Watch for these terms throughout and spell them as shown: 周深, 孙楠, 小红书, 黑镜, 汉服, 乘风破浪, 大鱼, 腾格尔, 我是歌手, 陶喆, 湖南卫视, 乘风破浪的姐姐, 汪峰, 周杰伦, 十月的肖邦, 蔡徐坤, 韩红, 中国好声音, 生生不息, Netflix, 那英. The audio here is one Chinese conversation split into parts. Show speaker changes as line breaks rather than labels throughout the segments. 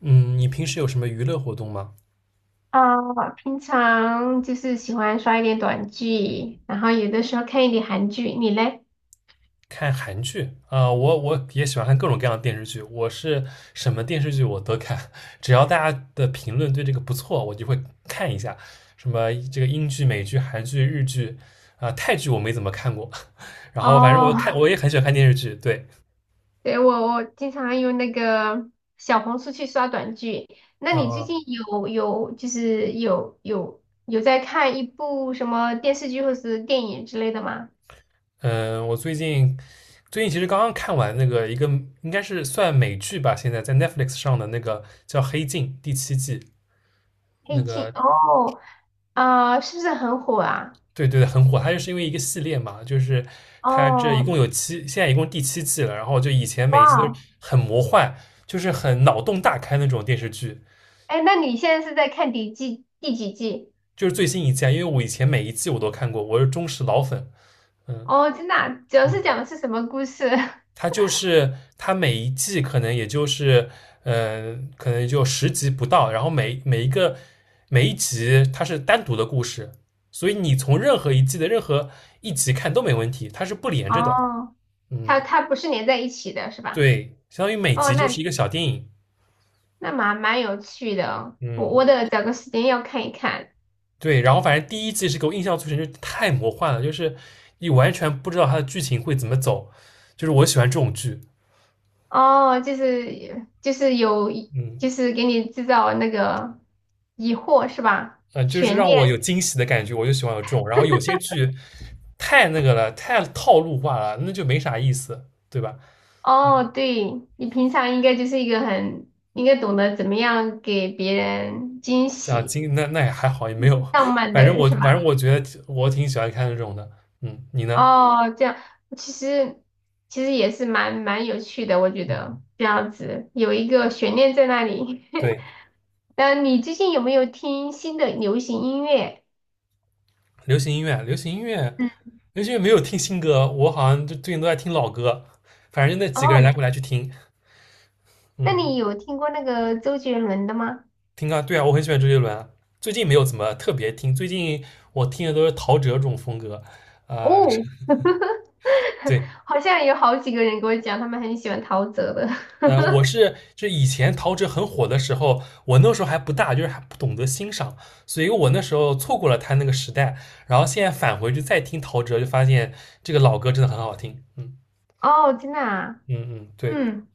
嗯，你平时有什么娱乐活动吗？
啊，平常就是喜欢刷一点短剧，然后有的时候看一点韩剧。你嘞？
看韩剧啊，我也喜欢看各种各样的电视剧，什么电视剧我都看，只要大家的评论对这个不错，我就会看一下。什么这个英剧、美剧、韩剧、日剧啊、泰剧我没怎么看过，然后反正
哦，
我也很喜欢看电视剧，对，
对，我经常用那个小红书去刷短剧。那你最
嗯
近有有就是有有有在看一部什么电视剧或是电影之类的吗？
嗯，我最近其实刚刚看完那个一个应该是算美剧吧，现在在 Netflix 上的那个叫《黑镜》第七季，那
黑镜
个
哦，啊、是不是很火啊？
对对对，很火。它就是因为一个系列嘛，就是它这一共
哦，
有七，现在一共第七季了。然后就以前每一季都是
哇，
很魔幻，就是很脑洞大开那种电视剧。
哎，那你现在是在看第几季？
就是最新一季啊因为我以前每一季我都看过，我是忠实老粉。嗯
哦，真的啊主要
嗯，
是讲的是什么故事？
它就是它每一季可能也就是可能就十集不到，然后每一集它是单独的故事，所以你从任何一季的任何一集看都没问题，它是不连着的。
哦，
嗯。
它它不是连在一起的，是吧？
对，相当于每
哦，
集就
那
是一个小电影。
那蛮蛮有趣的哦，我
嗯，
我得找个时间要看一看。
对。然后反正第一季是给我印象最深，就是太魔幻了，就是你完全不知道它的剧情会怎么走。就是我喜欢这种剧，
哦，就是就是有
嗯
就是给你制造那个疑惑是吧？
就是
悬
让
念。
我有惊喜的感觉，我就喜欢有这种。然后有些剧太那个了，太套路化了，那就没啥意思，对吧？
哦，对，你平常应该就是一个很应该懂得怎么样给别人惊
啊，
喜、
那也还好，也没有。
浪漫
反
的
正
人
我
是
反
吧？
正我觉得我挺喜欢看这种的。嗯，你呢？
哦，这样其实其实也是蛮蛮有趣的，我觉
嗯
得这样子有一个悬念在那里。
对，
那你最近有没有听新的流行音乐？
流行音乐，流行音乐。
嗯，
那因为没有听新歌，我好像就最近都在听老歌，反正就那几个人来
哦，
回来去听，
那
嗯，
你有听过那个周杰伦的吗？
听啊，对啊，我很喜欢周杰伦，啊，最近没有怎么特别听，最近我听的都是陶喆这种风格，是
哦，
对，
好像有好几个人跟我讲，他们很喜欢陶喆的。
就以前陶喆很火的时候，我那时候还不大，就是还不懂得欣赏，所以我那时候错过了他那个时代，然后现在返回去再听陶喆，就发现这个老歌真的很好听，嗯
哦，真的啊，
嗯嗯，对，
嗯，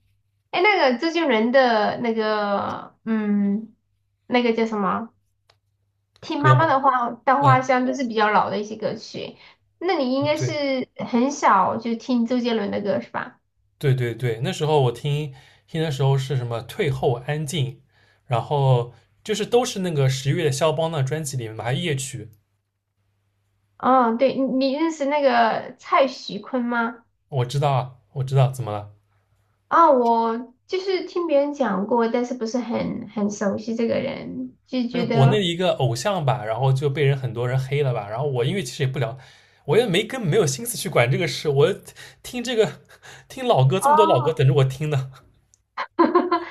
哎，那个周杰伦的那个，那个叫什么？听
歌
妈妈
嘛，
的话稻花
嗯
香都是比较老的一些歌曲。那你应
嗯
该
对。
是很小就听周杰伦的歌是吧？
对对对，那时候听的时候是什么退后安静，然后就是都是那个十月的肖邦的专辑里面嘛，还有夜曲。
哦，对，你你认识那个蔡徐坤吗？
我知道啊，我知道怎么了，
啊、我就是听别人讲过，但是不是很很熟悉这个人，就
就是
觉
国内的
得
一个偶像吧，然后就很多人黑了吧。然后我因为其实也不聊，我也没根本没有心思去管这个事，我听这个听老歌这么多老歌
哦，
等着我听呢。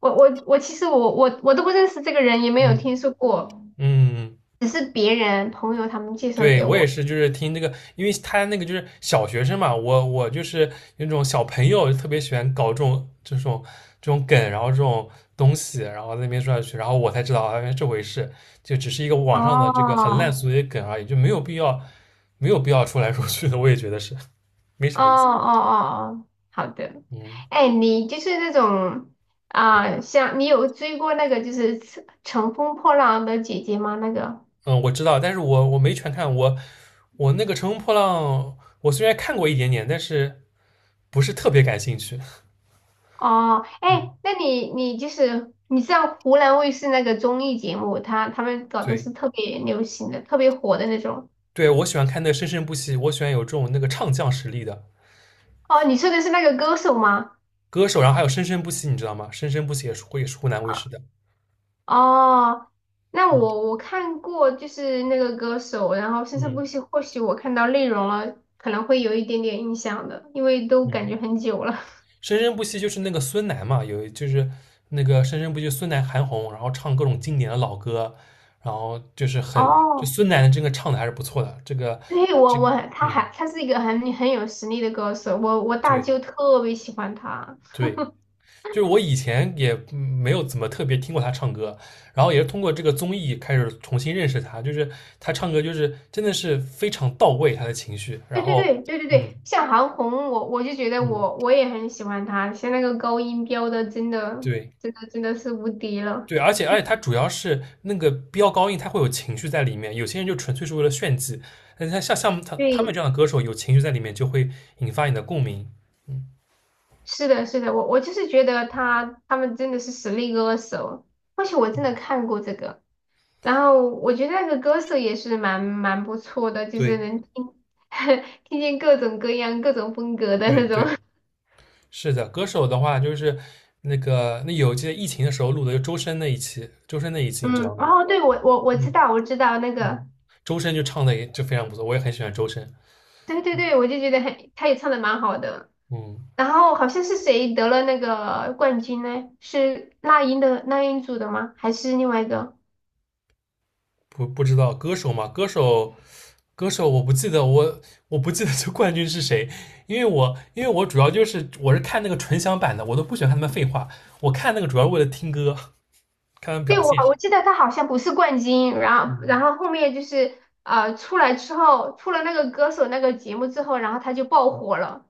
我其实我都不认识这个人，也没 有
嗯
听说过，
嗯，
只是别人朋友他们介绍
对，
给
我也
我。
是，就是听这个，因为他那个就是小学生嘛，我就是那种小朋友，特别喜欢搞这种梗，然后这种东西，然后在那边说下去，然后我才知道啊，原来这回事，就只是一个网上的这个
哦，
很烂俗的一个梗而已，就没有必要说来说去的，我也觉得是没
哦
啥
哦
意思。
哦，哦好的。
嗯
哎，你就是那种啊、像你有追过那个就是乘风破浪的姐姐吗？那个
嗯，我知道，但是我没全看，我那个《乘风破浪》，我虽然看过一点点，但是不是特别感兴趣。
哦，
嗯，
哎，那你你就是你知道湖南卫视那个综艺节目，他们搞的
对。
是特别流行的、特别火的那种。
对我喜欢看那个生生不息，我喜欢有这种那个唱将实力的
哦，你说的是那个歌手吗？
歌手，然后还有生生不息，你知道吗？生生不息也是湖南卫视的，
哦，那
嗯
我看过就是那个歌手，然后甚至
嗯
不许或许我看到内容了，可能会有一点点印象的，因为都感
嗯，
觉很久了。
生生不息就是那个孙楠嘛，有就是那个生生不息孙楠韩红，然后唱各种经典的老歌，然后就是 很就
哦，
孙楠的这个唱的还是不错的，这个
对，
这
我
个
我他
嗯
还他是一个很很有实力的歌手，我大
对
舅特别喜欢他。
对，就是我以前也没有怎么特别听过他唱歌，然后也是通过这个综艺开始重新认识他，就是他唱歌就是真的是非常到位，他的情绪，
对
然
对
后
对对对
嗯
对，像韩红，我就觉得
嗯，
我也很喜欢他，像那个高音飙的，真的
对
真的真的是无敌了。
对，而且他主要是那个飙高音，他会有情绪在里面，有些人就纯粹是为了炫技，那像他们这
对，
样的歌手有情绪在里面，就会引发你的共鸣，嗯，
是的，是的，我就是觉得他他们真的是实力歌手，而且我真的看过这个，然后我觉得那个歌手也是蛮蛮不错的，就是
对
能听 听见各种各样、各种风格的
对
那种。
对，是的，歌手的话就是。那个，那有记得疫情的时候录的，就周深那一期，周深那一期你知
嗯，
道吗？
哦，对我我我知
嗯
道我知道那个，
嗯，周深就唱的也就非常不错，我也很喜欢周深。
对对对，我就觉得很，他也唱的蛮好的。
嗯，
然后好像是谁得了那个冠军呢？是那英组的吗？还是另外一个？
不知道歌手嘛，歌手我不记得这冠军是谁，因为我主要就是我是看那个纯享版的，我都不喜欢看他们废话，我看那个主要是为了听歌，看他们
对，
表
我
现。
我记得他好像不是冠军，然后
嗯，
然后后面就是出来之后，出了那个歌手那个节目之后，然后他就爆火了。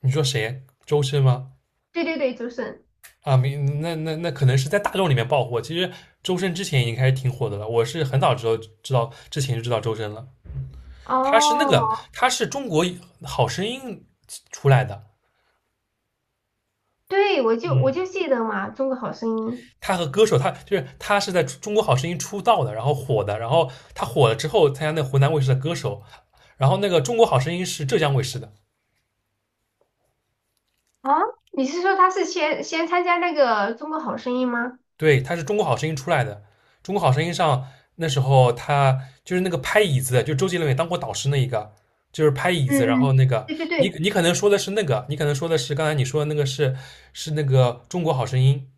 你说谁？周深吗？
对对对，周深。
啊，没，那可能是在大众里面爆火。其实周深之前已经开始挺火的了，我是很早知道之前就知道周深了。他是那
哦，
个，他是中国好声音出来的，
对，我就我
嗯，
就记得嘛，《中国好声音》
他和歌手，他是在中国好声音出道的，然后火的，然后他火了之后参加那湖南卫视的歌手，然后那个中国好声音是浙江卫视的，
啊，你是说他是先参加那个《中国好声音》吗？
对，他是中国好声音出来的，中国好声音上那时候他就是那个拍椅子的就周杰伦也当过导师那一个。就是拍椅子，
嗯
然后那
嗯，
个
对对
你
对，
你可能说的是那个，你可能说的是刚才你说的那个是那个中国好声音，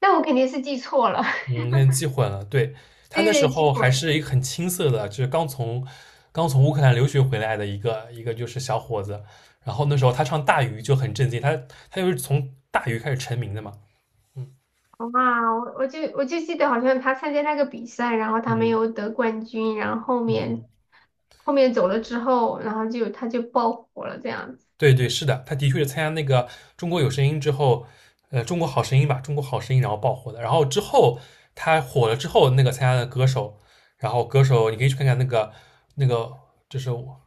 那我肯定是记错了，
嗯，现在记混了。对，他那
对
时
对，记
候还
混。
是一个很青涩的，就是刚从乌克兰留学回来的一个就是小伙子。然后那时候他唱《大鱼》就很震惊，他就是从《大鱼》开始成名的嘛。
哇，我就记得好像他参加那个比赛，然后他没
嗯
有得冠军，然后后
嗯，
面后面走了之后，然后就他就爆火了这样子。
对对，是的，他的确是参加那个《中国有声音》之后，《中国好声音》吧，《中国好声音》然后爆火的。然后之后他火了之后，那个参加的歌手，然后歌手你可以去看看那个那个，就是我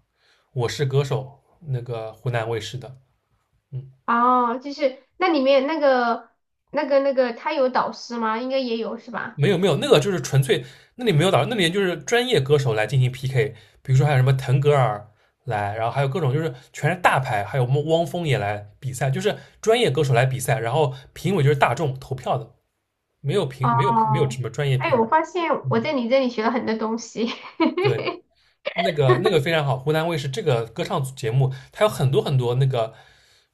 我是歌手那个湖南卫视的，嗯。
哦，就是那里面那个那个他有导师吗？应该也有是吧？
没有没有，那个就是纯粹，那里没有导，师，那里就是专业歌手来进行 PK，比如说还有什么腾格尔来，然后还有各种就是全是大牌，还有我们汪峰也来比赛，就是专业歌手来比赛，然后评委就是大众投票的，没有
哦，
什么专业
哎，
评委。
我发现我在
嗯，
你这里学了很多东西。
对，那个非常好，湖南卫视这个歌唱组节目，它有很多很多那个，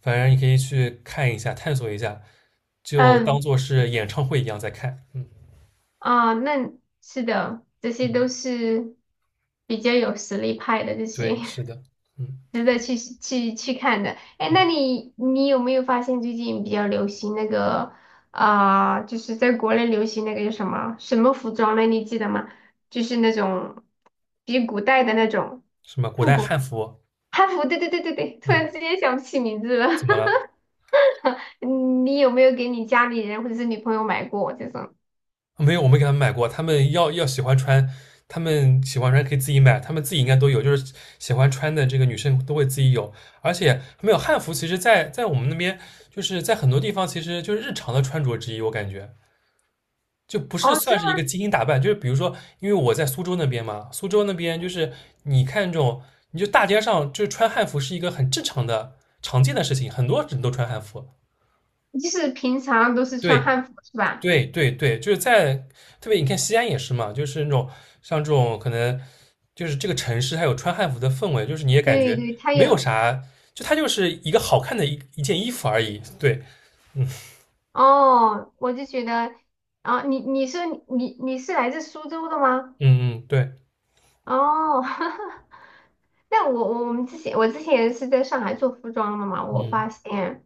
反正你可以去看一下，探索一下，就当
嗯
做是演唱会一样在看。嗯
啊，那是的，这些
嗯，
都是比较有实力派的这些。
对，是 的，嗯
值得去看的。哎，
嗯。
那你你有没有发现最近比较流行那个啊、就是在国内流行那个叫什么什么服装呢？你记得吗？就是那种比古代的那种
什么古
复
代
古
汉服？
汉服。对对对对对，突
嗯，
然之间想不起名字了。
怎么了？
你有没有给你家里人或者是女朋友买过这种？
没有，我没给他们买过。他们要喜欢穿，他们喜欢穿可以自己买，他们自己应该都有，就是喜欢穿的这个女生都会自己有。而且没有汉服，其实在我们那边，就是在很多地方，其实就是日常的穿着之一，我感觉。就不是
哦，这
算是一个精心打扮，就是比如说，因为我在苏州那边嘛，苏州那边就是你看这种，你就大街上就是穿汉服是一个很正常的、常见的事情，很多人都穿汉服。
就是平常都是穿
对，
汉服是吧？
对对对，就是在特别你看西安也是嘛，就是那种像这种可能就是这个城市它有穿汉服的氛围，就是你也感
对
觉
对，它
没有
有。
啥，就它就是一个好看的一件衣服而已。对，
哦，我就觉得，啊，你你是你你是来自苏州的吗？
嗯嗯对，
哦，那我们之前是在上海做服装的嘛，我发
嗯
现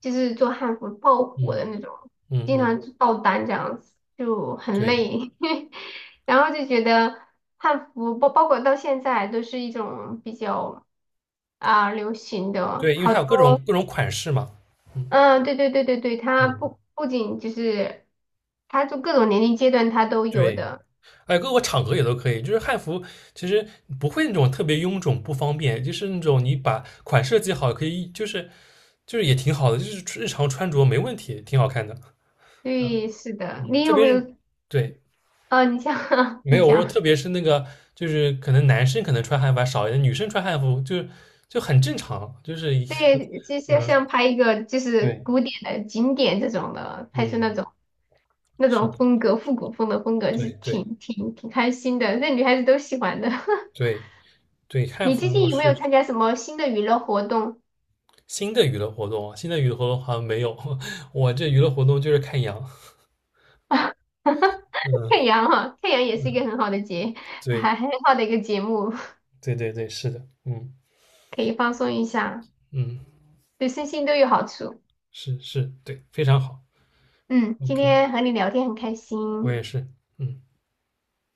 就是做汉服爆火的
嗯
那种，
嗯
经
嗯，
常就爆单这样子，就很
对
累，然后就觉得汉服包括到现在都是一种比较啊、流行的，
对，因为
好
它有各种
多
各种款式嘛，嗯
嗯，对对对对对，它不
嗯
不仅就是，它就各种年龄阶段它都有
对。
的。
哎，各个场合也都可以。就是汉服其实不会那种特别臃肿不方便，就是那种你把款设计好，可以就是也挺好的，就是日常穿着没问题，挺好看的。
对，是的。
嗯，
你
特
有
别
没
是
有？
对，
啊？你像
没
你
有我说，
讲，
特别是那个就是可能男生可能穿汉服还少一点，女生穿汉服就很正常，就是一
对，就 像
嗯
像拍一个就是
对
古典的景点这种的，拍出
嗯
那种那
是
种
的
风格，复古风的风格，是
对对
挺开心的，那女孩子都喜欢的。
对对，汉
你最近
服
有没有
是
参加什么新的娱乐活动？
新的娱乐活动，新的娱乐活动好像没有。我这娱乐活动就是看羊。嗯，
太阳哈，太阳也是一个很好的节，
对
还很好的一个节目，
对对对，是的，嗯
可以放松一下，
嗯，
对身心都有好处。
是是，对，非常好
嗯，今
，OK，
天和你聊天很开
我
心。
也是，嗯。